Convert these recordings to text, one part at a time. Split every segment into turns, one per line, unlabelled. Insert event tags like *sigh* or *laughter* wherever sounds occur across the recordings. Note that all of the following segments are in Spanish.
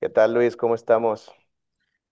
¿Qué tal, Luis? ¿Cómo estamos?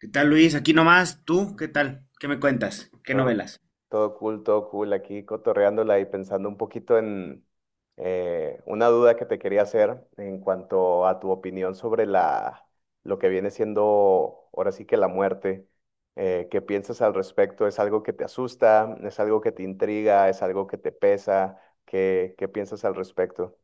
¿Qué tal, Luis? Aquí nomás, ¿tú qué tal? ¿Qué me cuentas? ¿Qué
Todo,
novelas?
todo cool, todo cool. Aquí cotorreándola y pensando un poquito en una duda que te quería hacer en cuanto a tu opinión sobre lo que viene siendo ahora sí que la muerte. ¿qué piensas al respecto? ¿Es algo que te asusta? ¿Es algo que te intriga? ¿Es algo que te pesa? ¿Qué piensas al respecto?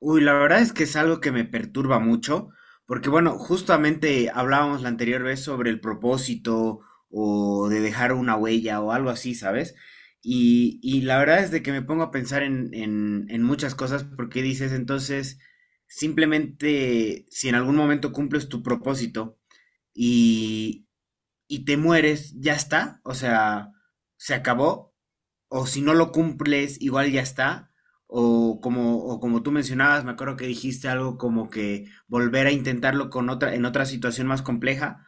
Uy, la verdad es que es algo que me perturba mucho, porque bueno, justamente hablábamos la anterior vez sobre el propósito o de dejar una huella o algo así, ¿sabes? Y la verdad es de que me pongo a pensar en muchas cosas porque dices, entonces, simplemente si en algún momento cumples tu propósito y, y te mueres, ya está, o sea, se acabó o si no lo cumples, igual ya está. O como tú mencionabas, me acuerdo que dijiste algo como que volver a intentarlo con otra, en otra situación más compleja.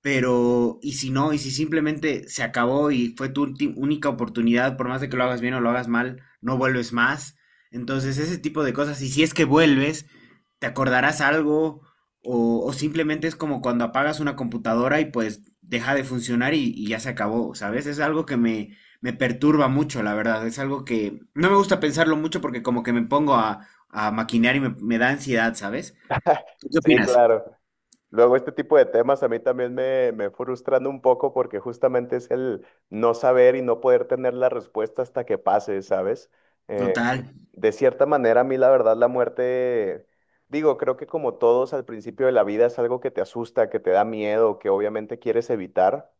Pero, y si no, y si simplemente se acabó y fue tu única oportunidad, por más de que lo hagas bien o lo hagas mal, no vuelves más. Entonces, ese tipo de cosas, y si es que vuelves, te acordarás algo o simplemente es como cuando apagas una computadora y pues deja de funcionar y ya se acabó, ¿sabes? Es algo que me perturba mucho, la verdad. Es algo que no me gusta pensarlo mucho porque como que me pongo a maquinear y me da ansiedad, ¿sabes? ¿Tú qué
Sí,
opinas?
claro. Luego este tipo de temas a mí también me frustran un poco porque justamente es el no saber y no poder tener la respuesta hasta que pase, ¿sabes? Eh,
Total,
de cierta manera, a mí la verdad la muerte, digo, creo que como todos al principio de la vida es algo que te asusta, que te da miedo, que obviamente quieres evitar.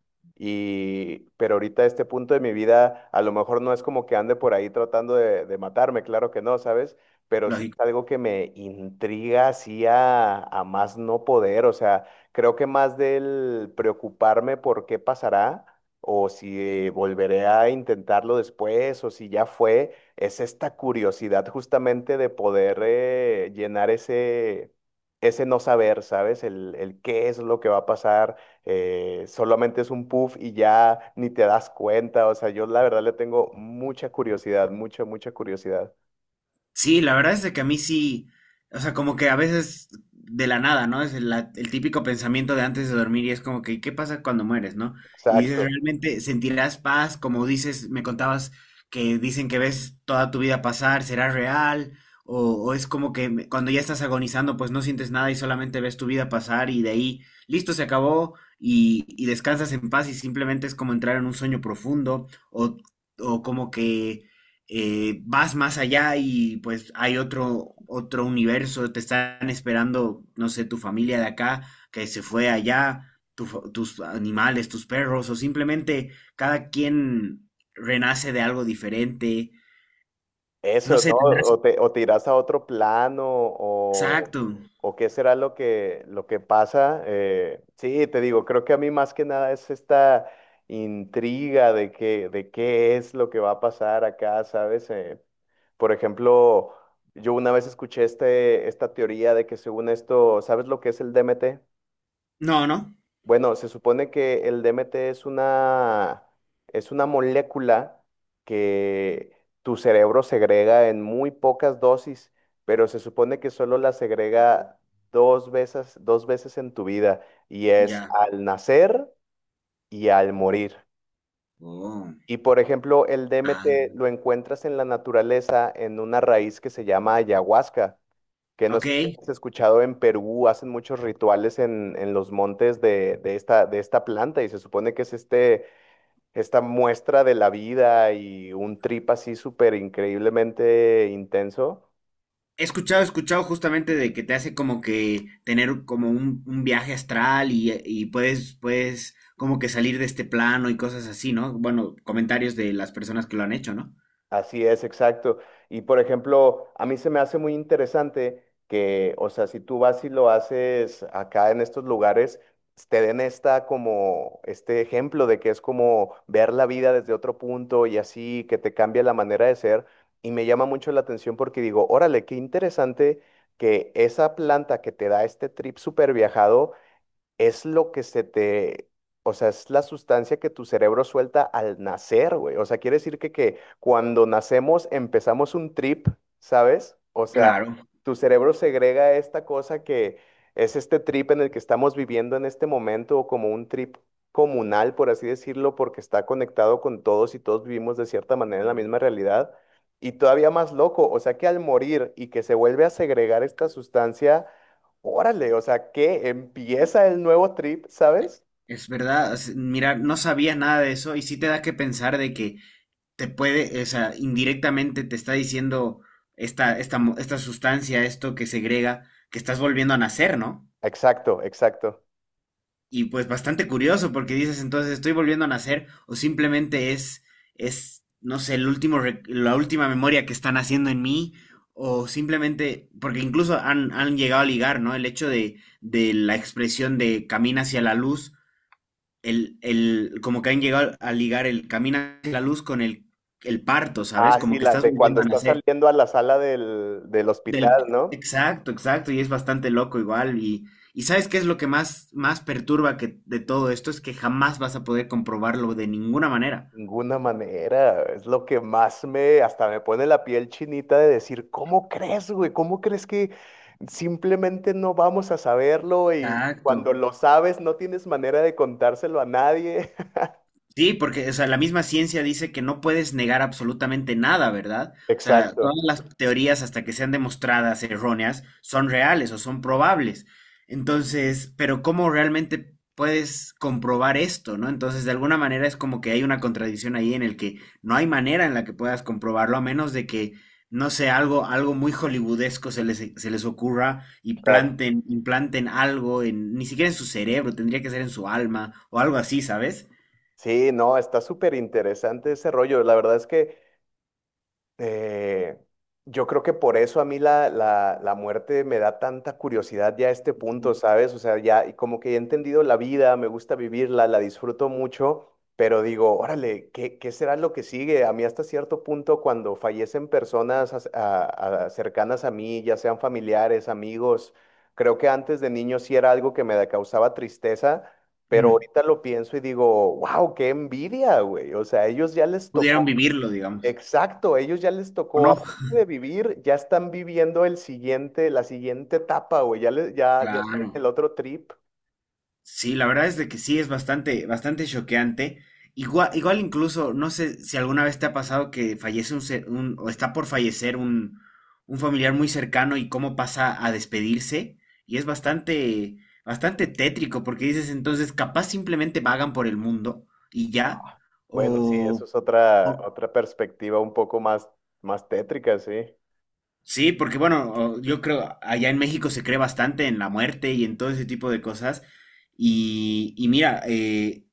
Y, pero ahorita a este punto de mi vida, a lo mejor no es como que ande por ahí tratando de matarme, claro que no, ¿sabes? Pero sí es
lógico.
algo que me intriga así a más no poder. O sea, creo que más del preocuparme por qué pasará o si volveré a intentarlo después o si ya fue es esta curiosidad justamente de poder llenar ese no saber, ¿sabes? El qué es lo que va a pasar, solamente es un puff y ya ni te das cuenta, o sea, yo la verdad le tengo mucha curiosidad, mucha, mucha curiosidad.
Sí, la verdad es de que a mí sí, o sea, como que a veces de la nada, ¿no? Es el típico pensamiento de antes de dormir y es como que, ¿qué pasa cuando mueres, no? Y dices,
Exacto.
¿realmente sentirás paz? Como dices, me contabas que dicen que ves toda tu vida pasar, ¿será real? O es como que cuando ya estás agonizando, pues no sientes nada y solamente ves tu vida pasar y de ahí, listo, se acabó y descansas en paz y simplemente es como entrar en un sueño profundo o, o como que vas más allá y pues hay otro, otro universo, te están esperando, no sé, tu familia de acá que se fue allá, tu tus animales, tus perros, o simplemente cada quien renace de algo diferente. No
Eso, ¿no?
sé, tendrás...
O te irás a otro plano,
Exacto.
o qué será lo que pasa. Sí, te digo, creo que a mí más que nada es esta intriga de que, de qué es lo que va a pasar acá, ¿sabes? Por ejemplo, yo una vez escuché esta teoría de que según esto, ¿sabes lo que es el DMT?
No, no.
Bueno, se supone que el DMT es es una molécula que tu cerebro segrega en muy pocas dosis, pero se supone que solo la segrega dos veces en tu vida, y es
Ya.
al nacer y al
Oh.
morir.
Oh.
Y por ejemplo, el
Ah,
DMT lo encuentras en la naturaleza en una raíz que se llama ayahuasca que
ok.
nos hemos escuchado en Perú, hacen muchos rituales en los montes de esta planta y se supone que es esta muestra de la vida y un trip así súper increíblemente intenso.
He escuchado justamente de que te hace como que tener como un viaje astral y puedes, puedes como que salir de este plano y cosas así, ¿no? Bueno, comentarios de las personas que lo han hecho, ¿no?
Así es, exacto. Y por ejemplo, a mí se me hace muy interesante que, o sea, si tú vas y lo haces acá en estos lugares, te den esta como este ejemplo de que es como ver la vida desde otro punto y así que te cambia la manera de ser. Y me llama mucho la atención porque digo, órale, qué interesante que esa planta que te da este trip súper viajado es lo que se te, o sea, es la sustancia que tu cerebro suelta al nacer, güey. O sea, quiere decir que cuando nacemos empezamos un trip, ¿sabes? O sea,
Claro,
tu cerebro segrega esta cosa que es este trip en el que estamos viviendo en este momento, o como un trip comunal, por así decirlo, porque está conectado con todos y todos vivimos de cierta manera en la misma realidad. Y todavía más loco, o sea que al morir y que se vuelve a segregar esta sustancia, órale, o sea, que empieza el nuevo trip, ¿sabes?
es verdad. Mira, no sabía nada de eso y sí te da que pensar de que te puede, o sea, indirectamente te está diciendo esta sustancia, esto que segrega, que estás volviendo a nacer, ¿no?
Exacto, exacto.
Y pues bastante curioso porque dices entonces estoy volviendo a nacer o simplemente es no sé, el la última memoria que están haciendo en mí o simplemente, porque incluso han llegado a ligar, ¿no? El hecho de la expresión de camina hacia la luz, como que han llegado a ligar el camina hacia la luz con el parto, ¿sabes?
Ah, sí,
Como que
la
estás
de cuando
volviendo a
está
nacer.
saliendo a la sala del hospital,
Del,
¿no?
exacto, exacto, y es bastante loco igual. Y ¿sabes qué es lo que más, más perturba que, de todo esto? Es que jamás vas a poder comprobarlo de ninguna manera.
Ninguna manera, es lo que más me, hasta me pone la piel chinita de decir, ¿cómo crees, güey? ¿Cómo crees que simplemente no vamos a saberlo y cuando
Exacto.
lo sabes no tienes manera de contárselo a nadie? *laughs*
Sí, porque, o sea, la misma ciencia dice que no puedes negar absolutamente nada, ¿verdad? O sea, todas
Exacto,
las teorías, hasta que sean demostradas erróneas, son reales o son probables. Entonces, pero ¿cómo realmente puedes comprobar esto, no? Entonces, de alguna manera es como que hay una contradicción ahí en el que no hay manera en la que puedas comprobarlo, a menos de que, no sé, algo, algo muy hollywoodesco se les ocurra y
claro.
implanten algo en, ni siquiera en su cerebro, tendría que ser en su alma o algo así, ¿sabes?
Sí, no, está súper interesante ese rollo. La verdad es que... Eh, yo creo que por eso a mí la muerte me da tanta curiosidad ya a este punto, ¿sabes? O sea, ya y como que he entendido la vida, me gusta vivirla, la disfruto mucho, pero digo, órale, ¿qué será lo que sigue? A mí hasta cierto punto cuando fallecen personas as- a- cercanas a mí, ya sean familiares, amigos, creo que antes de niño sí era algo que causaba tristeza. Pero
Mm.
ahorita lo pienso y digo, wow, qué envidia, güey. O sea, a ellos ya les
Pudieron
tocó.
vivirlo, digamos,
Exacto, ellos ya les
¿o
tocó,
no?
aparte de vivir, ya están viviendo el siguiente, la siguiente etapa, güey, ya, les, ya, ya están en el
Claro.
otro trip.
Sí, la verdad es de que sí es bastante, bastante choqueante. Igual, igual incluso, no sé si alguna vez te ha pasado que fallece o está por fallecer un familiar muy cercano y cómo pasa a despedirse. Y es bastante, bastante tétrico porque dices entonces capaz simplemente vagan por el mundo y ya,
Bueno, sí, eso
o,
es
o,
otra perspectiva un poco más, más tétrica, sí.
sí, porque bueno, yo creo allá en México se cree bastante en la muerte y en todo ese tipo de cosas. Y mira,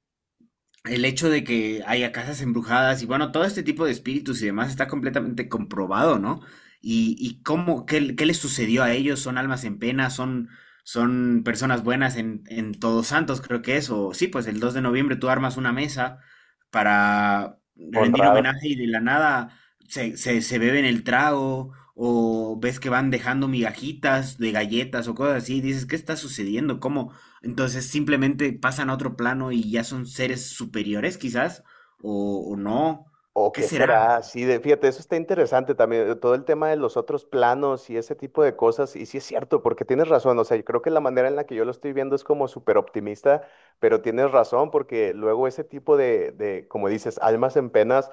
el hecho de que haya casas embrujadas y bueno, todo este tipo de espíritus y demás está completamente comprobado, ¿no? Y cómo, qué, qué les sucedió a ellos, son almas en pena, son, son personas buenas en Todos Santos, creo que es, o sí, pues el 2 de noviembre tú armas una mesa para rendir
Honrada.
homenaje y de la nada se beben el trago o ves que van dejando migajitas de galletas o cosas así, dices, ¿qué está sucediendo? ¿Cómo, entonces simplemente pasan a otro plano y ya son seres superiores quizás, o no.
¿O
¿Qué
qué
será?
será? Sí, de, fíjate, eso está interesante también, todo el tema de los otros planos y ese tipo de cosas. Y sí es cierto, porque tienes razón, o sea, yo creo que la manera en la que yo lo estoy viendo es como súper optimista, pero tienes razón, porque luego ese tipo como dices, almas en penas,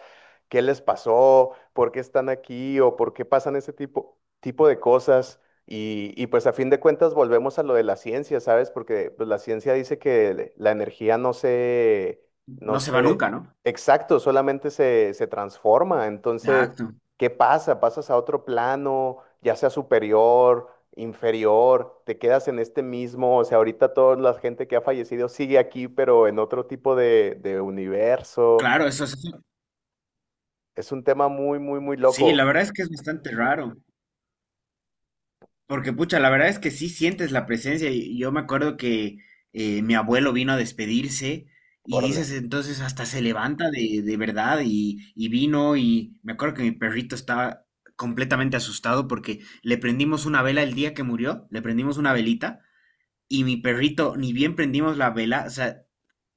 ¿qué les pasó? ¿Por qué están aquí? ¿O por qué pasan ese tipo de cosas? Y pues a fin de cuentas volvemos a lo de la ciencia, ¿sabes? Porque pues, la ciencia dice que la energía no se... No
No se va
sé,
nunca, ¿no?
exacto, solamente se transforma. Entonces,
Exacto.
¿qué pasa? Pasas a otro plano, ya sea superior, inferior, te quedas en este mismo, o sea, ahorita toda la gente que ha fallecido sigue aquí, pero en otro tipo de universo.
Claro, eso es...
Es un tema muy, muy, muy
Sí, la
loco.
verdad es que es bastante raro, porque pucha, la verdad es que sí sientes la presencia. Y yo me acuerdo que mi abuelo vino a despedirse y dices
Órale.
entonces hasta se levanta de verdad y vino y me acuerdo que mi perrito estaba completamente asustado porque le prendimos una vela el día que murió, le prendimos una velita. Y mi perrito, ni bien prendimos la vela, o sea,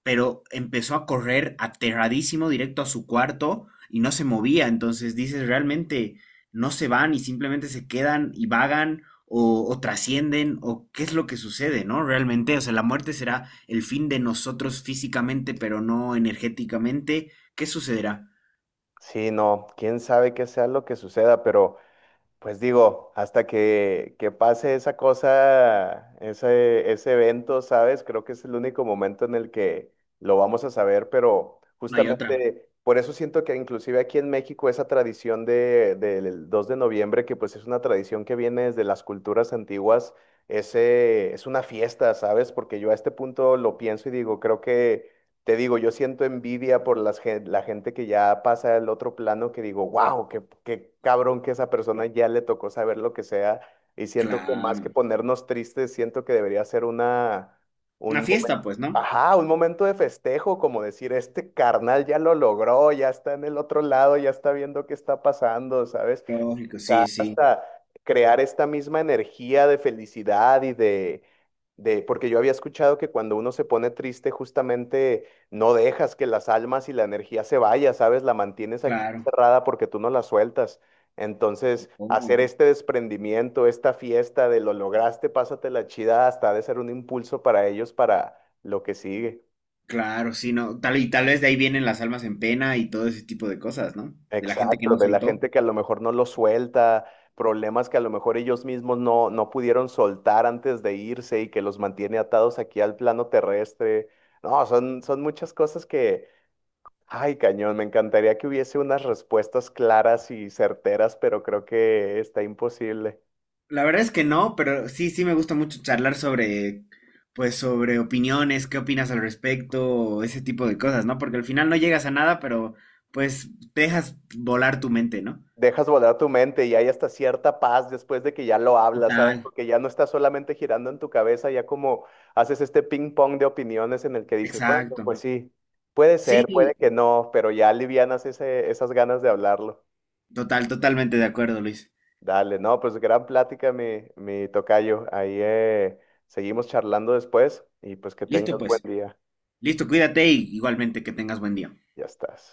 pero empezó a correr aterradísimo directo a su cuarto y no se movía. Entonces dices, realmente no se van y simplemente se quedan y vagan o trascienden o qué es lo que sucede, ¿no? Realmente, o sea, la muerte será el fin de nosotros físicamente, pero no energéticamente. ¿Qué sucederá?
Sí, no, quién sabe qué sea lo que suceda, pero pues digo, hasta que pase esa cosa, ese evento, ¿sabes? Creo que es el único momento en el que lo vamos a saber, pero
No hay otra.
justamente por eso siento que inclusive aquí en México esa tradición del 2 de noviembre, que pues es una tradición que viene desde las culturas antiguas, ese, es una fiesta, ¿sabes? Porque yo a este punto lo pienso y digo, creo que te digo, yo siento envidia por la gente que ya pasa al otro plano, que digo, wow, qué cabrón que esa persona ya le tocó saber lo que sea. Y siento que más que
Claro.
ponernos tristes, siento que debería ser una,
Una
un momento,
fiesta, pues, ¿no?
ajá, un momento de festejo, como decir, este carnal ya lo logró, ya está en el otro lado, ya está viendo qué está pasando, ¿sabes?
Lógico, sí,
Quizás
sí,
hasta crear esta misma energía de felicidad y de, porque yo había escuchado que cuando uno se pone triste, justamente no dejas que las almas y la energía se vaya, ¿sabes? La mantienes aquí
claro.
cerrada porque tú no la sueltas. Entonces,
Oh.
hacer este desprendimiento, esta fiesta de lo lograste, pásatela chida, hasta ha de ser un impulso para ellos para lo que sigue.
Claro, sí, no. Tal y tal vez de ahí vienen las almas en pena y todo ese tipo de cosas, ¿no? De la gente que
Exacto,
no
de la
soltó.
gente que a lo mejor no lo suelta, problemas que a lo mejor ellos mismos no pudieron soltar antes de irse y que los mantiene atados aquí al plano terrestre. No, son muchas cosas que, ay, cañón, me encantaría que hubiese unas respuestas claras y certeras, pero creo que está imposible.
La verdad es que no, pero sí, sí me gusta mucho charlar sobre, pues, sobre opiniones, qué opinas al respecto, o ese tipo de cosas, ¿no? Porque al final no llegas a nada, pero pues te dejas volar tu mente, ¿no?
Dejas volar tu mente y hay hasta cierta paz después de que ya lo hablas, ¿sabes?
Total,
Porque ya no está solamente girando en tu cabeza, ya como haces este ping pong de opiniones en el que dices, bueno,
exacto.
pues sí, puede ser, puede
Sí,
que no, pero ya alivianas ese, esas ganas de hablarlo.
total, totalmente de acuerdo, Luis.
Dale, no, pues gran plática, mi tocayo. Ahí seguimos charlando después y pues que
Listo,
tengas buen
pues.
día.
Listo, cuídate y igualmente que tengas buen día.
Ya estás.